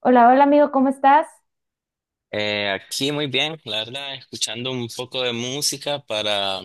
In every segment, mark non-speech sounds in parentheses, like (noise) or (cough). Hola, hola amigo, ¿cómo estás? Aquí muy bien, la verdad, escuchando un poco de música para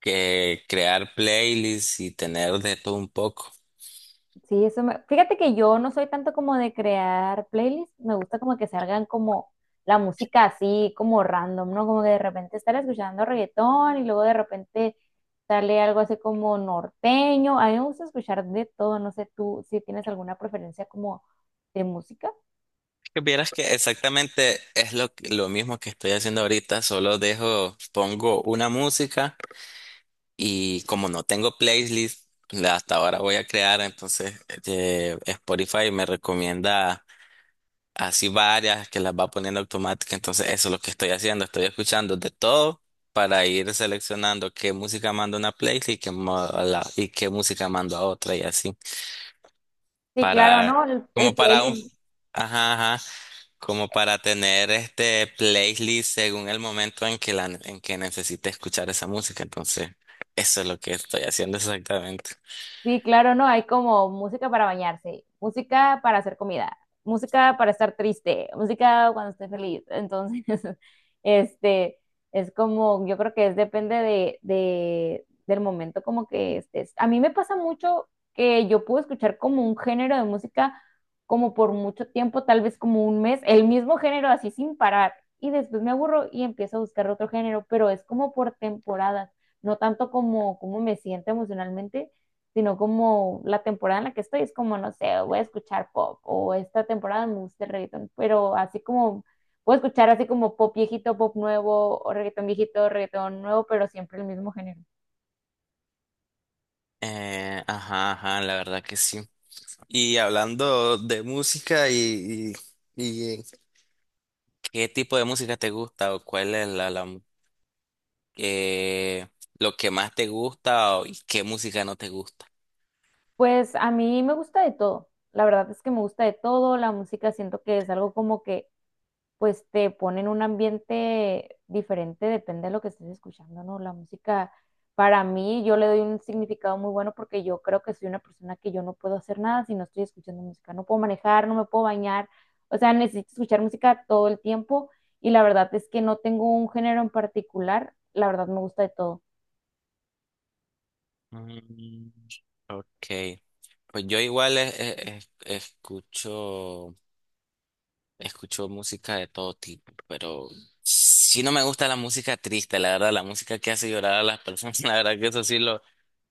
que crear playlists y tener de todo un poco. Sí, eso me... Fíjate que yo no soy tanto como de crear playlists, me gusta como que salgan como la música así, como random, ¿no? Como que de repente estar escuchando reggaetón y luego de repente sale algo así como norteño. A mí me gusta escuchar de todo, no sé tú si tienes alguna preferencia como de música. Que vieras que exactamente es lo mismo que estoy haciendo ahorita, solo dejo, pongo una música y como no tengo playlist, la hasta ahora voy a crear, entonces Spotify me recomienda así varias que las va poniendo automática. Entonces, eso es lo que estoy haciendo. Estoy escuchando de todo para ir seleccionando qué música mando a una playlist y qué, mo- a la- y qué música mando a otra y así. Sí, claro, Para, ¿no? El como para un, playlist. ajá, ajá, como para tener este playlist según el momento en en que necesite escuchar esa música. Entonces, eso es lo que estoy haciendo exactamente. Sí, claro, no, hay como música para bañarse, música para hacer comida, música para estar triste, música cuando esté feliz. Entonces, (laughs) este, es como, yo creo que es depende del momento como que estés. A mí me pasa mucho que yo puedo escuchar como un género de música como por mucho tiempo, tal vez como un mes, el mismo género así sin parar. Y después me aburro y empiezo a buscar otro género, pero es como por temporadas, no tanto como, como me siento emocionalmente, sino como la temporada en la que estoy es como, no sé, voy a escuchar pop o esta temporada me gusta el reggaetón, pero así como puedo escuchar así como pop viejito, pop nuevo, o reggaetón viejito, reggaetón nuevo, pero siempre el mismo género. Ajá, ajá, la verdad que sí. Y hablando de música y ¿qué tipo de música te gusta o cuál es eh, lo que más te gusta y qué música no te gusta? Pues a mí me gusta de todo. La verdad es que me gusta de todo, la música siento que es algo como que pues te pone en un ambiente diferente, depende de lo que estés escuchando, ¿no? La música, para mí, yo le doy un significado muy bueno porque yo creo que soy una persona que yo no puedo hacer nada si no estoy escuchando música, no puedo manejar, no me puedo bañar, o sea, necesito escuchar música todo el tiempo y la verdad es que no tengo un género en particular, la verdad me gusta de todo. Mm, ok. Pues yo igual escucho música de todo tipo, pero sí no me gusta la música triste, la verdad, la música que hace llorar a las personas, (laughs) la verdad que eso sí lo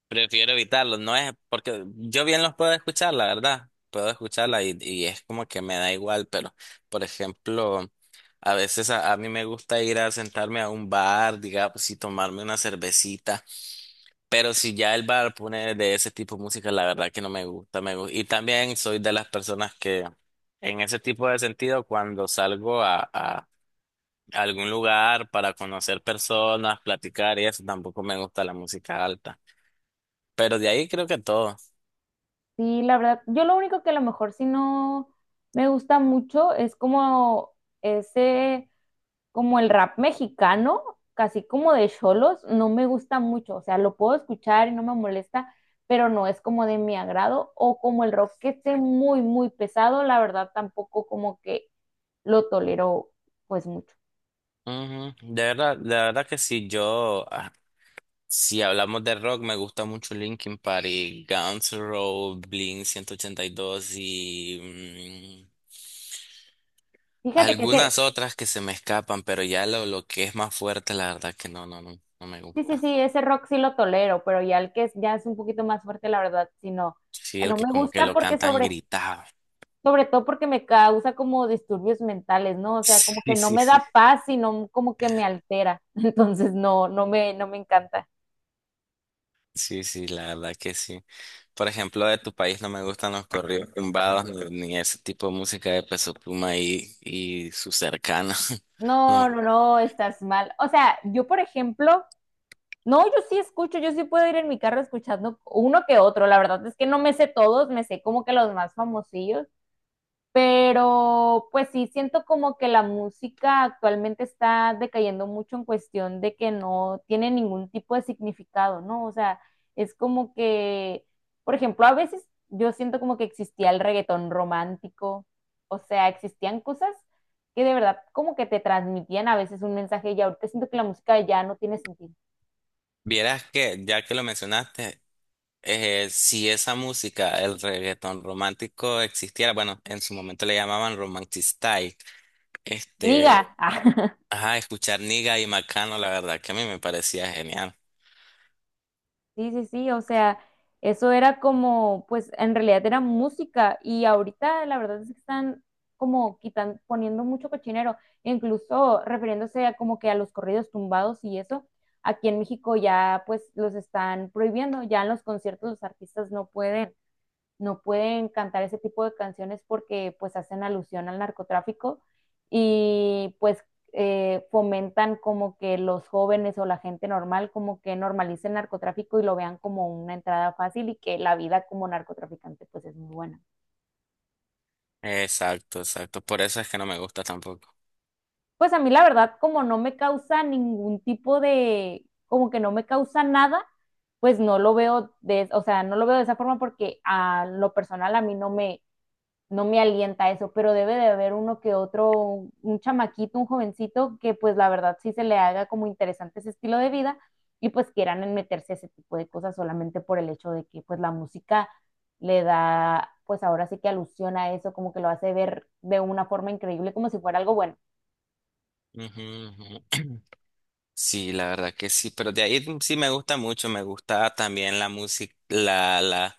prefiero evitarlo, no es porque yo bien los puedo escuchar, la verdad, puedo escucharla y es como que me da igual, pero por ejemplo, a veces a mí me gusta ir a sentarme a un bar, digamos, y tomarme una cervecita, pero si ya el bar pone de ese tipo de música, la verdad que no me gusta, me gusta. Y también soy de las personas que en ese tipo de sentido, cuando salgo a algún lugar para conocer personas, platicar y eso, tampoco me gusta la música alta. Pero de ahí creo que todo. Sí, la verdad, yo lo único que a lo mejor si no me gusta mucho es como ese como el rap mexicano, casi como de cholos, no me gusta mucho. O sea, lo puedo escuchar y no me molesta, pero no es como de mi agrado. O como el rock que esté muy, muy pesado, la verdad tampoco como que lo tolero pues mucho. Ujú. De verdad que sí, si hablamos de rock, me gusta mucho Linkin Park y Guns N' Roses, Blink 182 Fíjate que ese, algunas otras que se me escapan, pero ya lo que es más fuerte, la verdad que no me sí, sí, gusta. sí, ese rock sí lo tolero, pero ya el que es, ya es un poquito más fuerte, la verdad, si no, Sí, el no que me como que gusta lo porque cantan gritado. (laughs) sobre todo porque me causa como disturbios mentales, ¿no? O sea, como que Sí, no sí, me sí. da paz, sino como que me altera. (laughs) Entonces, no, no me, no me encanta. Sí, sí, la verdad que sí. Por ejemplo, de tu país no me gustan los corridos tumbados ni ese tipo de música de Peso Pluma y sus cercanos. (laughs) No, No, me- no, no, estás mal. O sea, yo, por ejemplo, no, yo sí escucho, yo sí puedo ir en mi carro escuchando uno que otro. La verdad es que no me sé todos, me sé como que los más famosillos. Pero pues sí, siento como que la música actualmente está decayendo mucho en cuestión de que no tiene ningún tipo de significado, ¿no? O sea, es como que, por ejemplo, a veces yo siento como que existía el reggaetón romántico, o sea, existían cosas que de verdad como que te transmitían a veces un mensaje y ahorita siento que la música ya no tiene sentido. Vieras que, ya que lo mencionaste, si esa música, el reggaetón romántico existiera, bueno, en su momento le llamaban romantic style, Niga. este, (laughs) ajá, escuchar Niga y Macano, la verdad que a mí me parecía genial. Sí, sí, sí, o sea, eso era como, pues en realidad era música y ahorita la verdad es que están como quitan, poniendo mucho cochinero, incluso refiriéndose a como que a los corridos tumbados y eso, aquí en México ya pues los están prohibiendo, ya en los conciertos los artistas no pueden cantar ese tipo de canciones porque pues hacen alusión al narcotráfico y pues fomentan como que los jóvenes o la gente normal como que normalice el narcotráfico y lo vean como una entrada fácil y que la vida como narcotraficante pues es muy buena. Exacto, exacto. Por eso es que no me gusta tampoco. Pues a mí la verdad como no me causa ningún tipo de, como que no me causa nada, pues no lo veo de, o sea, no lo veo de esa forma porque a lo personal a mí no me, no me alienta eso, pero debe de haber uno que otro, un chamaquito, un jovencito que pues la verdad sí se le haga como interesante ese estilo de vida y pues quieran meterse a ese tipo de cosas solamente por el hecho de que pues la música le da, pues ahora sí que alusión a eso, como que lo hace ver de una forma increíble, como si fuera algo bueno. Ujú, ujú. Sí, la verdad que sí, pero de ahí sí me gusta mucho, me gusta también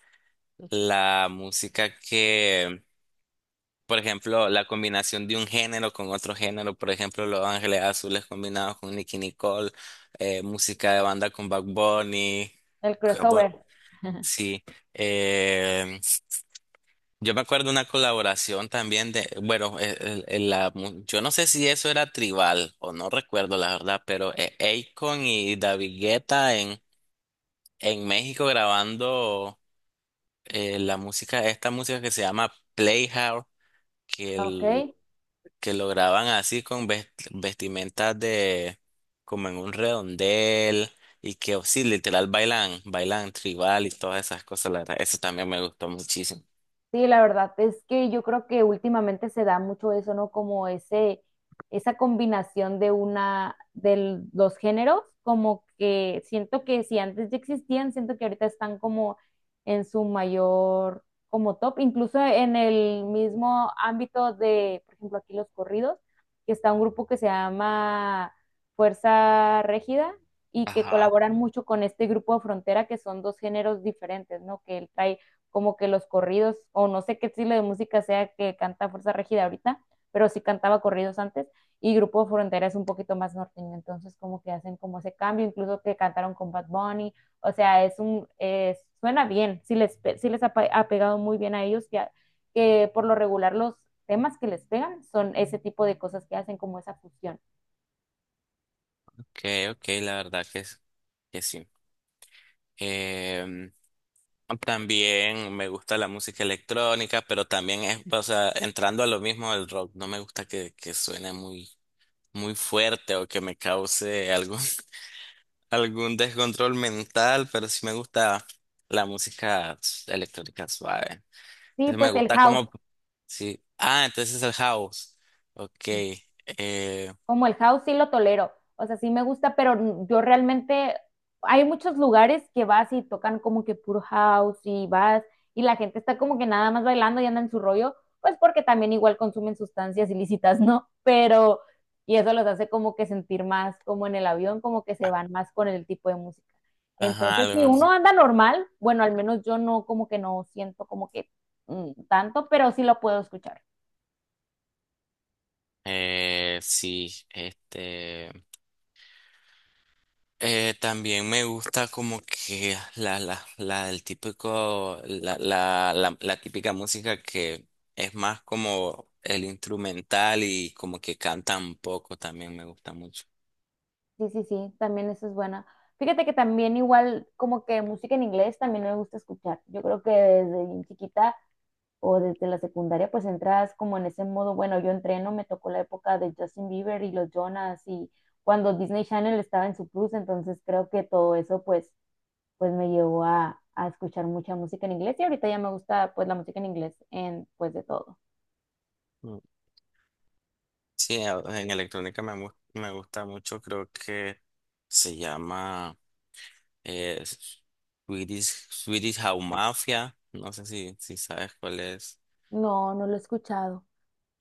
la música que, por ejemplo, la combinación de un género con otro género, por ejemplo, Los Ángeles Azules combinados con Nicki Nicole, música de banda con Bad Bunny, El que, bueno, crossover, sí, eh, yo me acuerdo una colaboración también de, bueno, yo no sé si eso era tribal o no recuerdo la verdad, pero Akon y David Guetta en México grabando la música, esta música que se llama Playhouse, que, ¿ok? el- que lo graban así con vestimentas de, como en un redondel y que oh, sí, literal bailan, bailan tribal y todas esas cosas, la verdad, eso también me gustó muchísimo. Sí, la verdad es que yo creo que últimamente se da mucho eso, ¿no? Como ese, esa combinación de una, de los géneros, como que siento que si antes ya existían, siento que ahorita están como en su mayor, como top, incluso en el mismo ámbito de, por ejemplo, aquí los corridos, que está un grupo que se llama Fuerza Régida y que Ajá. colaboran mucho con este grupo de Frontera, que son dos géneros diferentes, ¿no? Que él trae como que los corridos, o no sé qué estilo de música sea que canta Fuerza Regida ahorita, pero sí cantaba corridos antes, y Grupo Frontera es un poquito más norteño, entonces como que hacen como ese cambio, incluso que cantaron con Bad Bunny, o sea, es, suena bien, sí les ha, ha pegado muy bien a ellos, que por lo regular los temas que les pegan son ese tipo de cosas que hacen como esa fusión. Ok, ok, la verdad que sí. Em, También me gusta la música electrónica, pero también es, o sea, entrando a lo mismo del rock, no me gusta que suene muy fuerte o que me cause algún, (laughs) algún descontrol mental, pero sí me gusta la música electrónica suave. Sí, Entonces me pues el gusta house. como, sí. Ah, entonces es el house. Ok. Sí. Como el house sí lo tolero, o sea, sí me gusta, pero yo realmente, hay muchos lugares que vas y tocan como que puro house y vas y la gente está como que nada más bailando y anda en su rollo, pues porque también igual consumen sustancias ilícitas, (laughs) ¿no? Pero, y eso los hace como que sentir más como en el avión, como que se van más con el tipo de música. Ajá, Entonces, algo si así. uno anda normal, bueno, al menos yo no como que no siento como que tanto, pero sí lo puedo escuchar. Eh, sí, este. También me gusta como que el típico, la típica música que es más como el instrumental y como que cantan poco también me gusta mucho. Sí, sí, sí, también eso es buena. Fíjate que también igual como que música en inglés también me gusta escuchar. Yo creo que desde bien chiquita o desde la secundaria pues entras como en ese modo, bueno, yo entreno, me tocó la época de Justin Bieber y los Jonas y cuando Disney Channel estaba en su plus, entonces creo que todo eso pues pues me llevó a escuchar mucha música en inglés y ahorita ya me gusta pues la música en inglés en pues de todo. Mm. Sí, en electrónica me gusta mucho, creo que se llama eh, Swedish House Mafia, no sé si sabes cuál es. No, no lo he escuchado.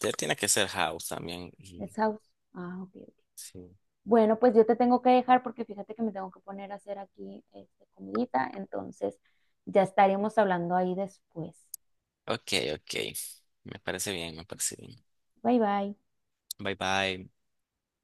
Ya tiene que ser house también. Es house. Ah, ok. Ok. Sí. Bueno, pues yo te tengo que dejar porque fíjate que me tengo que poner a hacer aquí este, comidita, entonces ya estaremos hablando ahí después. Ok, ok, me parece bien, me parece bien. Bye bye. Bye bye.